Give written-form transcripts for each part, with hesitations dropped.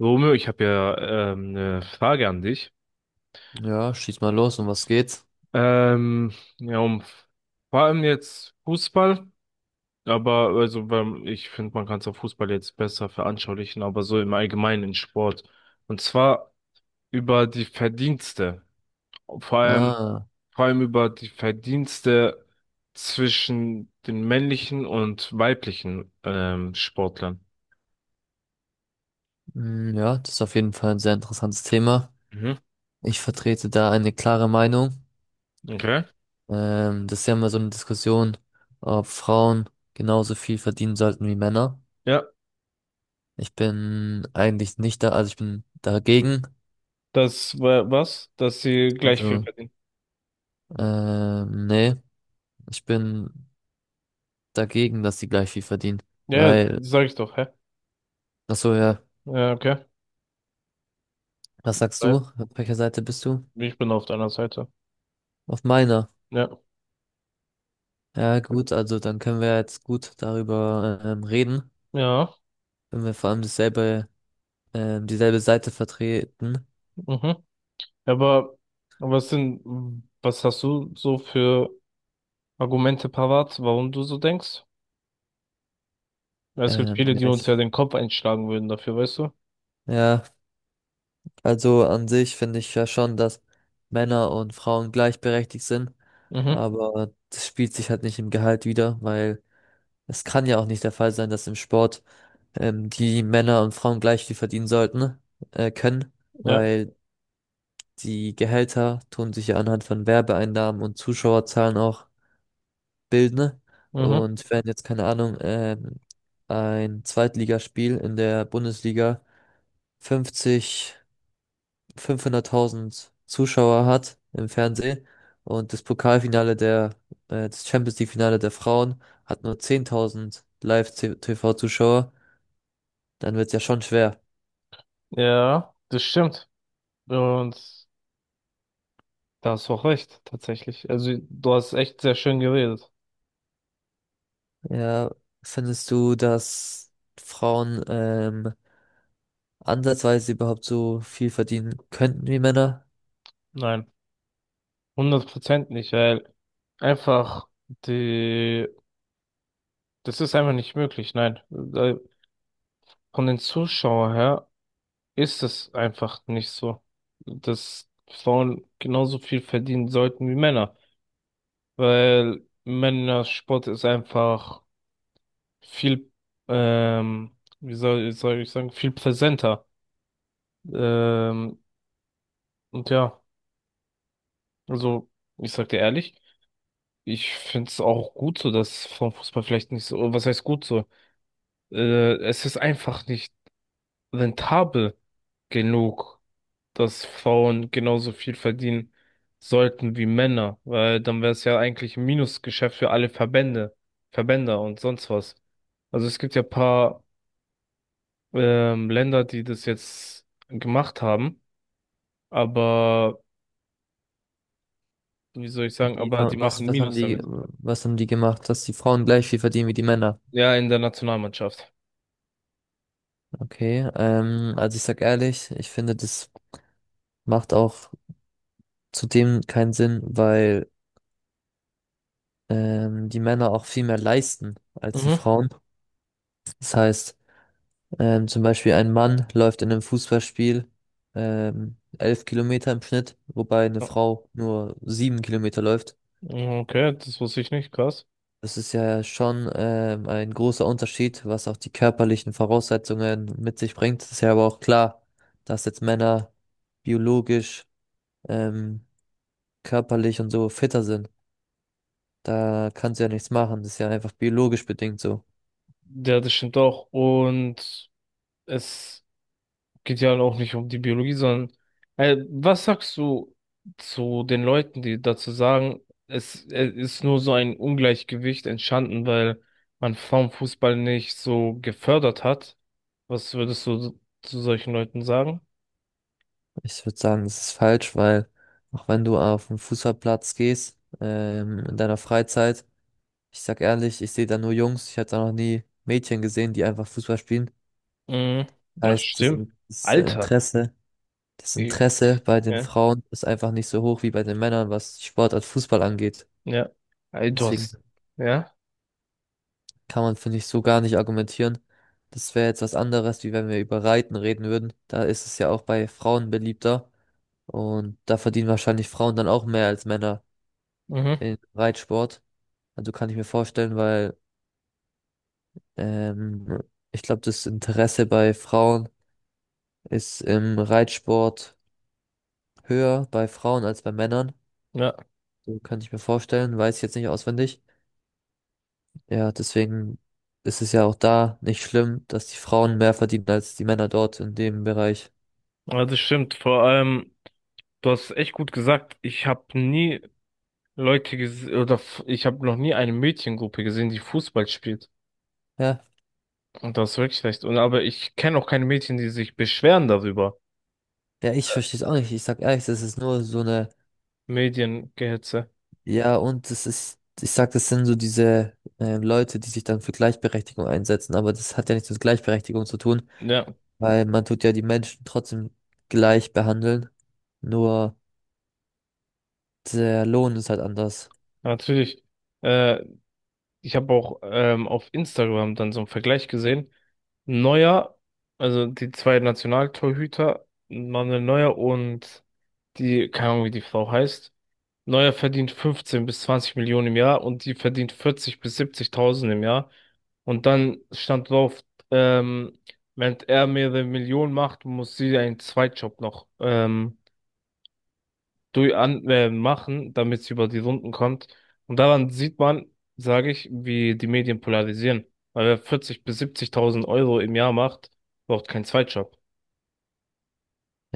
Romeo, ich habe ja eine Frage an dich. Ja, schieß mal los, um was geht's? Ähm, ja, um vor allem jetzt Fußball, aber also beim, ich finde, man kann es auf Fußball jetzt besser veranschaulichen, aber so im Allgemeinen in Sport. Und zwar über die Verdienste. Vor allem, Ah, vor allem über die Verdienste zwischen den männlichen und weiblichen Sportlern. mm, ja, das ist auf jeden Fall ein sehr interessantes Thema. Mhm. Ich vertrete da eine klare Meinung. Okay. Das ist ja immer so eine Diskussion, ob Frauen genauso viel verdienen sollten wie Männer. Ja, Ich bin eigentlich nicht da, also ich bin dagegen. das war was, dass sie gleich viel Also, verdienen. Nee, ich bin dagegen, dass die gleich viel verdienen. Ja, ja, Weil, sag ich doch, hä? ach so, ja, Ja, okay. was sagst du? Ja, Auf welcher Seite bist du? ich bin auf deiner Seite. Auf meiner. Ja, Ja, gut, also dann können wir jetzt gut darüber reden, ja, wenn wir vor allem dieselbe Seite vertreten. mhm. Aber was sind, was hast du so für Argumente parat, warum du so denkst? Weil es gibt Ähm, viele, ja, die uns ich, ja den Kopf einschlagen würden dafür, weißt du? ja, also an sich finde ich ja schon, dass Männer und Frauen gleichberechtigt sind, Mhm. aber das spielt sich halt nicht im Gehalt wider, weil es kann ja auch nicht der Fall sein, dass im Sport die Männer und Frauen gleich viel verdienen sollten, können, Ja, weil die Gehälter tun sich ja anhand von Werbeeinnahmen und Zuschauerzahlen auch bilden, ne? mhm. Und wenn jetzt, keine Ahnung, ein Zweitligaspiel in der Bundesliga 50, 500.000 Zuschauer hat im Fernsehen und das Champions League-Finale der Frauen hat nur 10.000 Live-TV-Zuschauer, dann wird's ja schon schwer. Ja, das stimmt. Und da hast du auch recht, tatsächlich. Also, du hast echt sehr schön geredet. Ja, findest du, dass Frauen ansatzweise überhaupt so viel verdienen könnten wie Männer? Nein, 100% nicht, weil einfach die, das ist einfach nicht möglich, nein. Äh, Von den Zuschauern her ist es einfach nicht so, dass Frauen genauso viel verdienen sollten wie Männer, weil Männersport ist einfach viel, wie soll ich sagen, viel präsenter. Ähm, und ja, also ich sag dir ehrlich, ich find's auch gut so, dass Frauenfußball vielleicht nicht so, was heißt gut so? Es ist einfach nicht rentabel genug. Dass Frauen genauso viel verdienen sollten wie Männer, weil dann wäre es ja eigentlich ein Minusgeschäft für alle Verbände, Verbänder und sonst was. Also es gibt ja paar Länder, die das jetzt gemacht haben, aber wie soll ich sagen, Wie, aber die machen Minus damit. was haben die gemacht, dass die Frauen gleich viel verdienen wie die Männer? Ja, in der Nationalmannschaft. Okay, also ich sag ehrlich, ich finde, das macht auch zudem keinen Sinn, weil die Männer auch viel mehr leisten als die Mhm. Frauen. Das heißt, zum Beispiel ein Mann läuft in einem Fußballspiel 11 Kilometer im Schnitt, wobei eine Frau nur 7 Kilometer läuft. Okay, das wusste ich nicht, krass. Das ist ja schon ein großer Unterschied, was auch die körperlichen Voraussetzungen mit sich bringt. Ist ja aber auch klar, dass jetzt Männer biologisch, ähm, körperlich und so fitter sind. Da kannst du ja nichts machen. Das ist ja einfach biologisch bedingt so. Ja, das stimmt auch. Und es geht ja auch nicht um die Biologie, sondern was sagst du zu den Leuten, die dazu sagen, es ist nur so ein Ungleichgewicht entstanden, weil man Frauenfußball nicht so gefördert hat? Was würdest du zu solchen Leuten sagen? Ich würde sagen, das ist falsch, weil auch wenn du auf den Fußballplatz gehst, in deiner Freizeit, ich sag ehrlich, ich sehe da nur Jungs. Ich habe da noch nie Mädchen gesehen, die einfach Fußball spielen. Mhm. Das Das heißt, stimmt. Das Alter. Interesse. Das Ich, Interesse bei den ja. Frauen ist einfach nicht so hoch wie bei den Männern, was die Sportart Fußball angeht. Ja. Ey, du Deswegen hast. Ja. kann man, finde ich, so gar nicht argumentieren. Das wäre jetzt was anderes, wie wenn wir über Reiten reden würden. Da ist es ja auch bei Frauen beliebter. Und da verdienen wahrscheinlich Frauen dann auch mehr als Männer Mhm. im Reitsport. Also kann ich mir vorstellen, weil ähm, ich glaube, das Interesse bei Frauen ist im Reitsport höher bei Frauen als bei Männern. Ja. So könnte ich mir vorstellen, weiß ich jetzt nicht auswendig. Ja, deswegen ist es ja auch da nicht schlimm, dass die Frauen mehr verdienen als die Männer dort in dem Bereich. Also stimmt. Vor allem, du hast echt gut gesagt. Ich habe nie Leute ges- oder f- ich habe noch nie eine Mädchengruppe gesehen, die Fußball spielt. Ja, Und das ist wirklich schlecht. Und aber ich kenne auch keine Mädchen, die sich beschweren darüber. ja, ich verstehe es auch nicht. Ich sag ehrlich, das ist nur so eine, Mediengehetze. ja, und das ist, ich sag, das sind so diese Leute, die sich dann für Gleichberechtigung einsetzen, aber das hat ja nichts mit Gleichberechtigung zu tun, Ja, weil man tut ja die Menschen trotzdem gleich behandeln, nur der Lohn ist halt anders. natürlich. Äh, ich habe auch auf Instagram dann so einen Vergleich gesehen. Neuer, also die zwei Nationaltorhüter, Manuel Neuer und die, keine Ahnung, wie die Frau heißt. Neuer verdient 15 bis 20 Millionen im Jahr und die verdient 40 bis 70.000 im Jahr. Und dann stand drauf, ähm, wenn er mehrere Millionen macht, muss sie einen Zweitjob noch machen, damit sie über die Runden kommt. Und daran sieht man, sage ich, wie die Medien polarisieren. Weil wer 40 bis 70.000 Euro im Jahr macht, braucht keinen Zweitjob.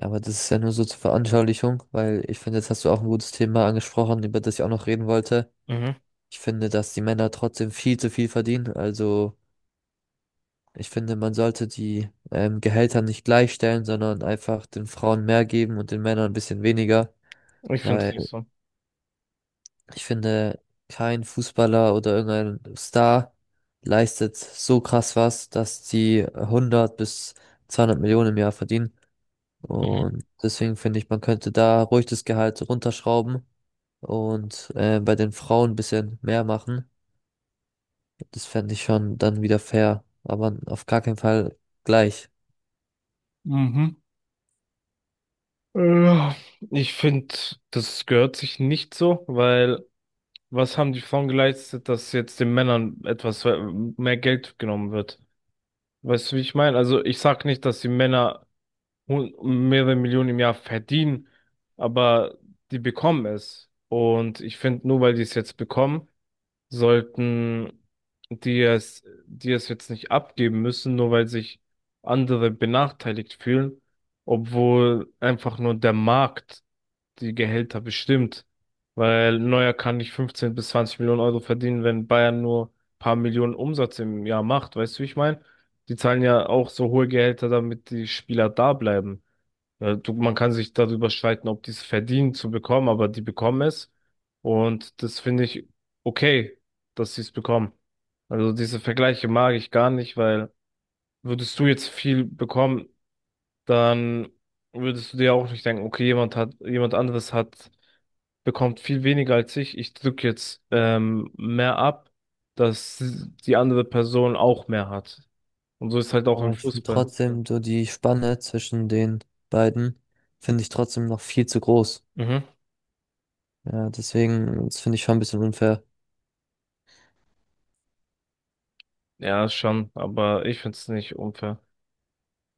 Ja, aber das ist ja nur so zur Veranschaulichung, weil ich finde, jetzt hast du auch ein gutes Thema angesprochen, über das ich auch noch reden wollte. Mhm. Ich finde, dass die Männer trotzdem viel zu viel verdienen. Also ich finde, man sollte die Gehälter nicht gleichstellen, sondern einfach den Frauen mehr geben und den Männern ein bisschen weniger. Ich finde es Weil nicht so. ich finde, kein Fußballer oder irgendein Star leistet so krass was, dass die hundert bis 200 Millionen im Jahr verdienen. Und deswegen finde ich, man könnte da ruhig das Gehalt runterschrauben und bei den Frauen ein bisschen mehr machen. Das fände ich schon dann wieder fair, aber auf gar keinen Fall gleich. Mhm. Ja, ich finde, das gehört sich nicht so, weil was haben die Frauen geleistet, dass jetzt den Männern etwas mehr Geld genommen wird? Weißt du, wie ich meine? Also ich sag nicht, dass die Männer hun- mehrere Millionen im Jahr verdienen, aber die bekommen es. Und ich finde, nur weil die es jetzt bekommen, sollten die es, die es jetzt nicht abgeben müssen, nur weil sich andere benachteiligt fühlen, obwohl einfach nur der Markt die Gehälter bestimmt. Weil Neuer kann nicht 15 bis 20 Millionen Euro verdienen, wenn Bayern nur ein paar Millionen Umsatz im Jahr macht. Weißt du, wie ich meine? Die zahlen ja auch so hohe Gehälter, damit die Spieler da bleiben. Ja, du, man kann sich darüber streiten, ob die es verdienen zu bekommen, aber die bekommen es. Und das finde ich okay, dass sie es bekommen. Also diese Vergleiche mag ich gar nicht, weil würdest du jetzt viel bekommen, dann würdest du dir auch nicht denken, okay, jemand anderes hat bekommt viel weniger als ich. Ich drücke jetzt mehr ab, dass die andere Person auch mehr hat. Und so ist halt auch im Aber ich finde Fußball. trotzdem so die Spanne zwischen den beiden finde ich trotzdem noch viel zu groß. Mhm. Ja, deswegen, das finde ich schon ein bisschen unfair. Ja, schon, aber ich find's nicht unfair.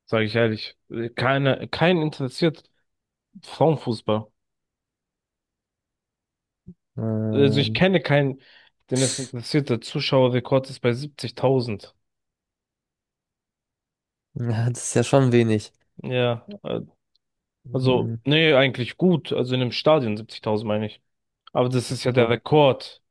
Sage ich ehrlich. Kein interessiert Frauenfußball. Also ich Ähm, kenne keinen, den es interessiert. Der Zuschauerrekord ist bei 70.000. ja, das ist ja schon wenig. Ja, äh, also, Mhm, nee, eigentlich gut. Also in einem Stadion 70.000 meine ich. Aber das ist ja der so. Rekord.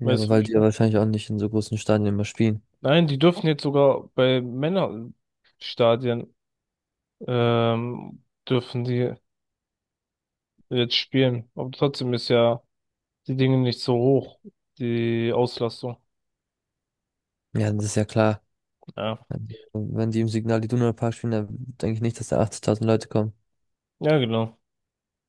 Ja, aber Weißt weil die ja du, wahrscheinlich auch nicht in so großen Stadien immer spielen. nein, die dürfen jetzt sogar bei Männerstadien ähm, dürfen die jetzt spielen. Aber trotzdem ist ja die Dinge nicht so hoch, die Auslastung. Ja, das ist ja klar. Ja, Also, wenn die im Signal Iduna Park spielen, dann denke ich nicht, dass da 80.000 Leute kommen. ja, genau.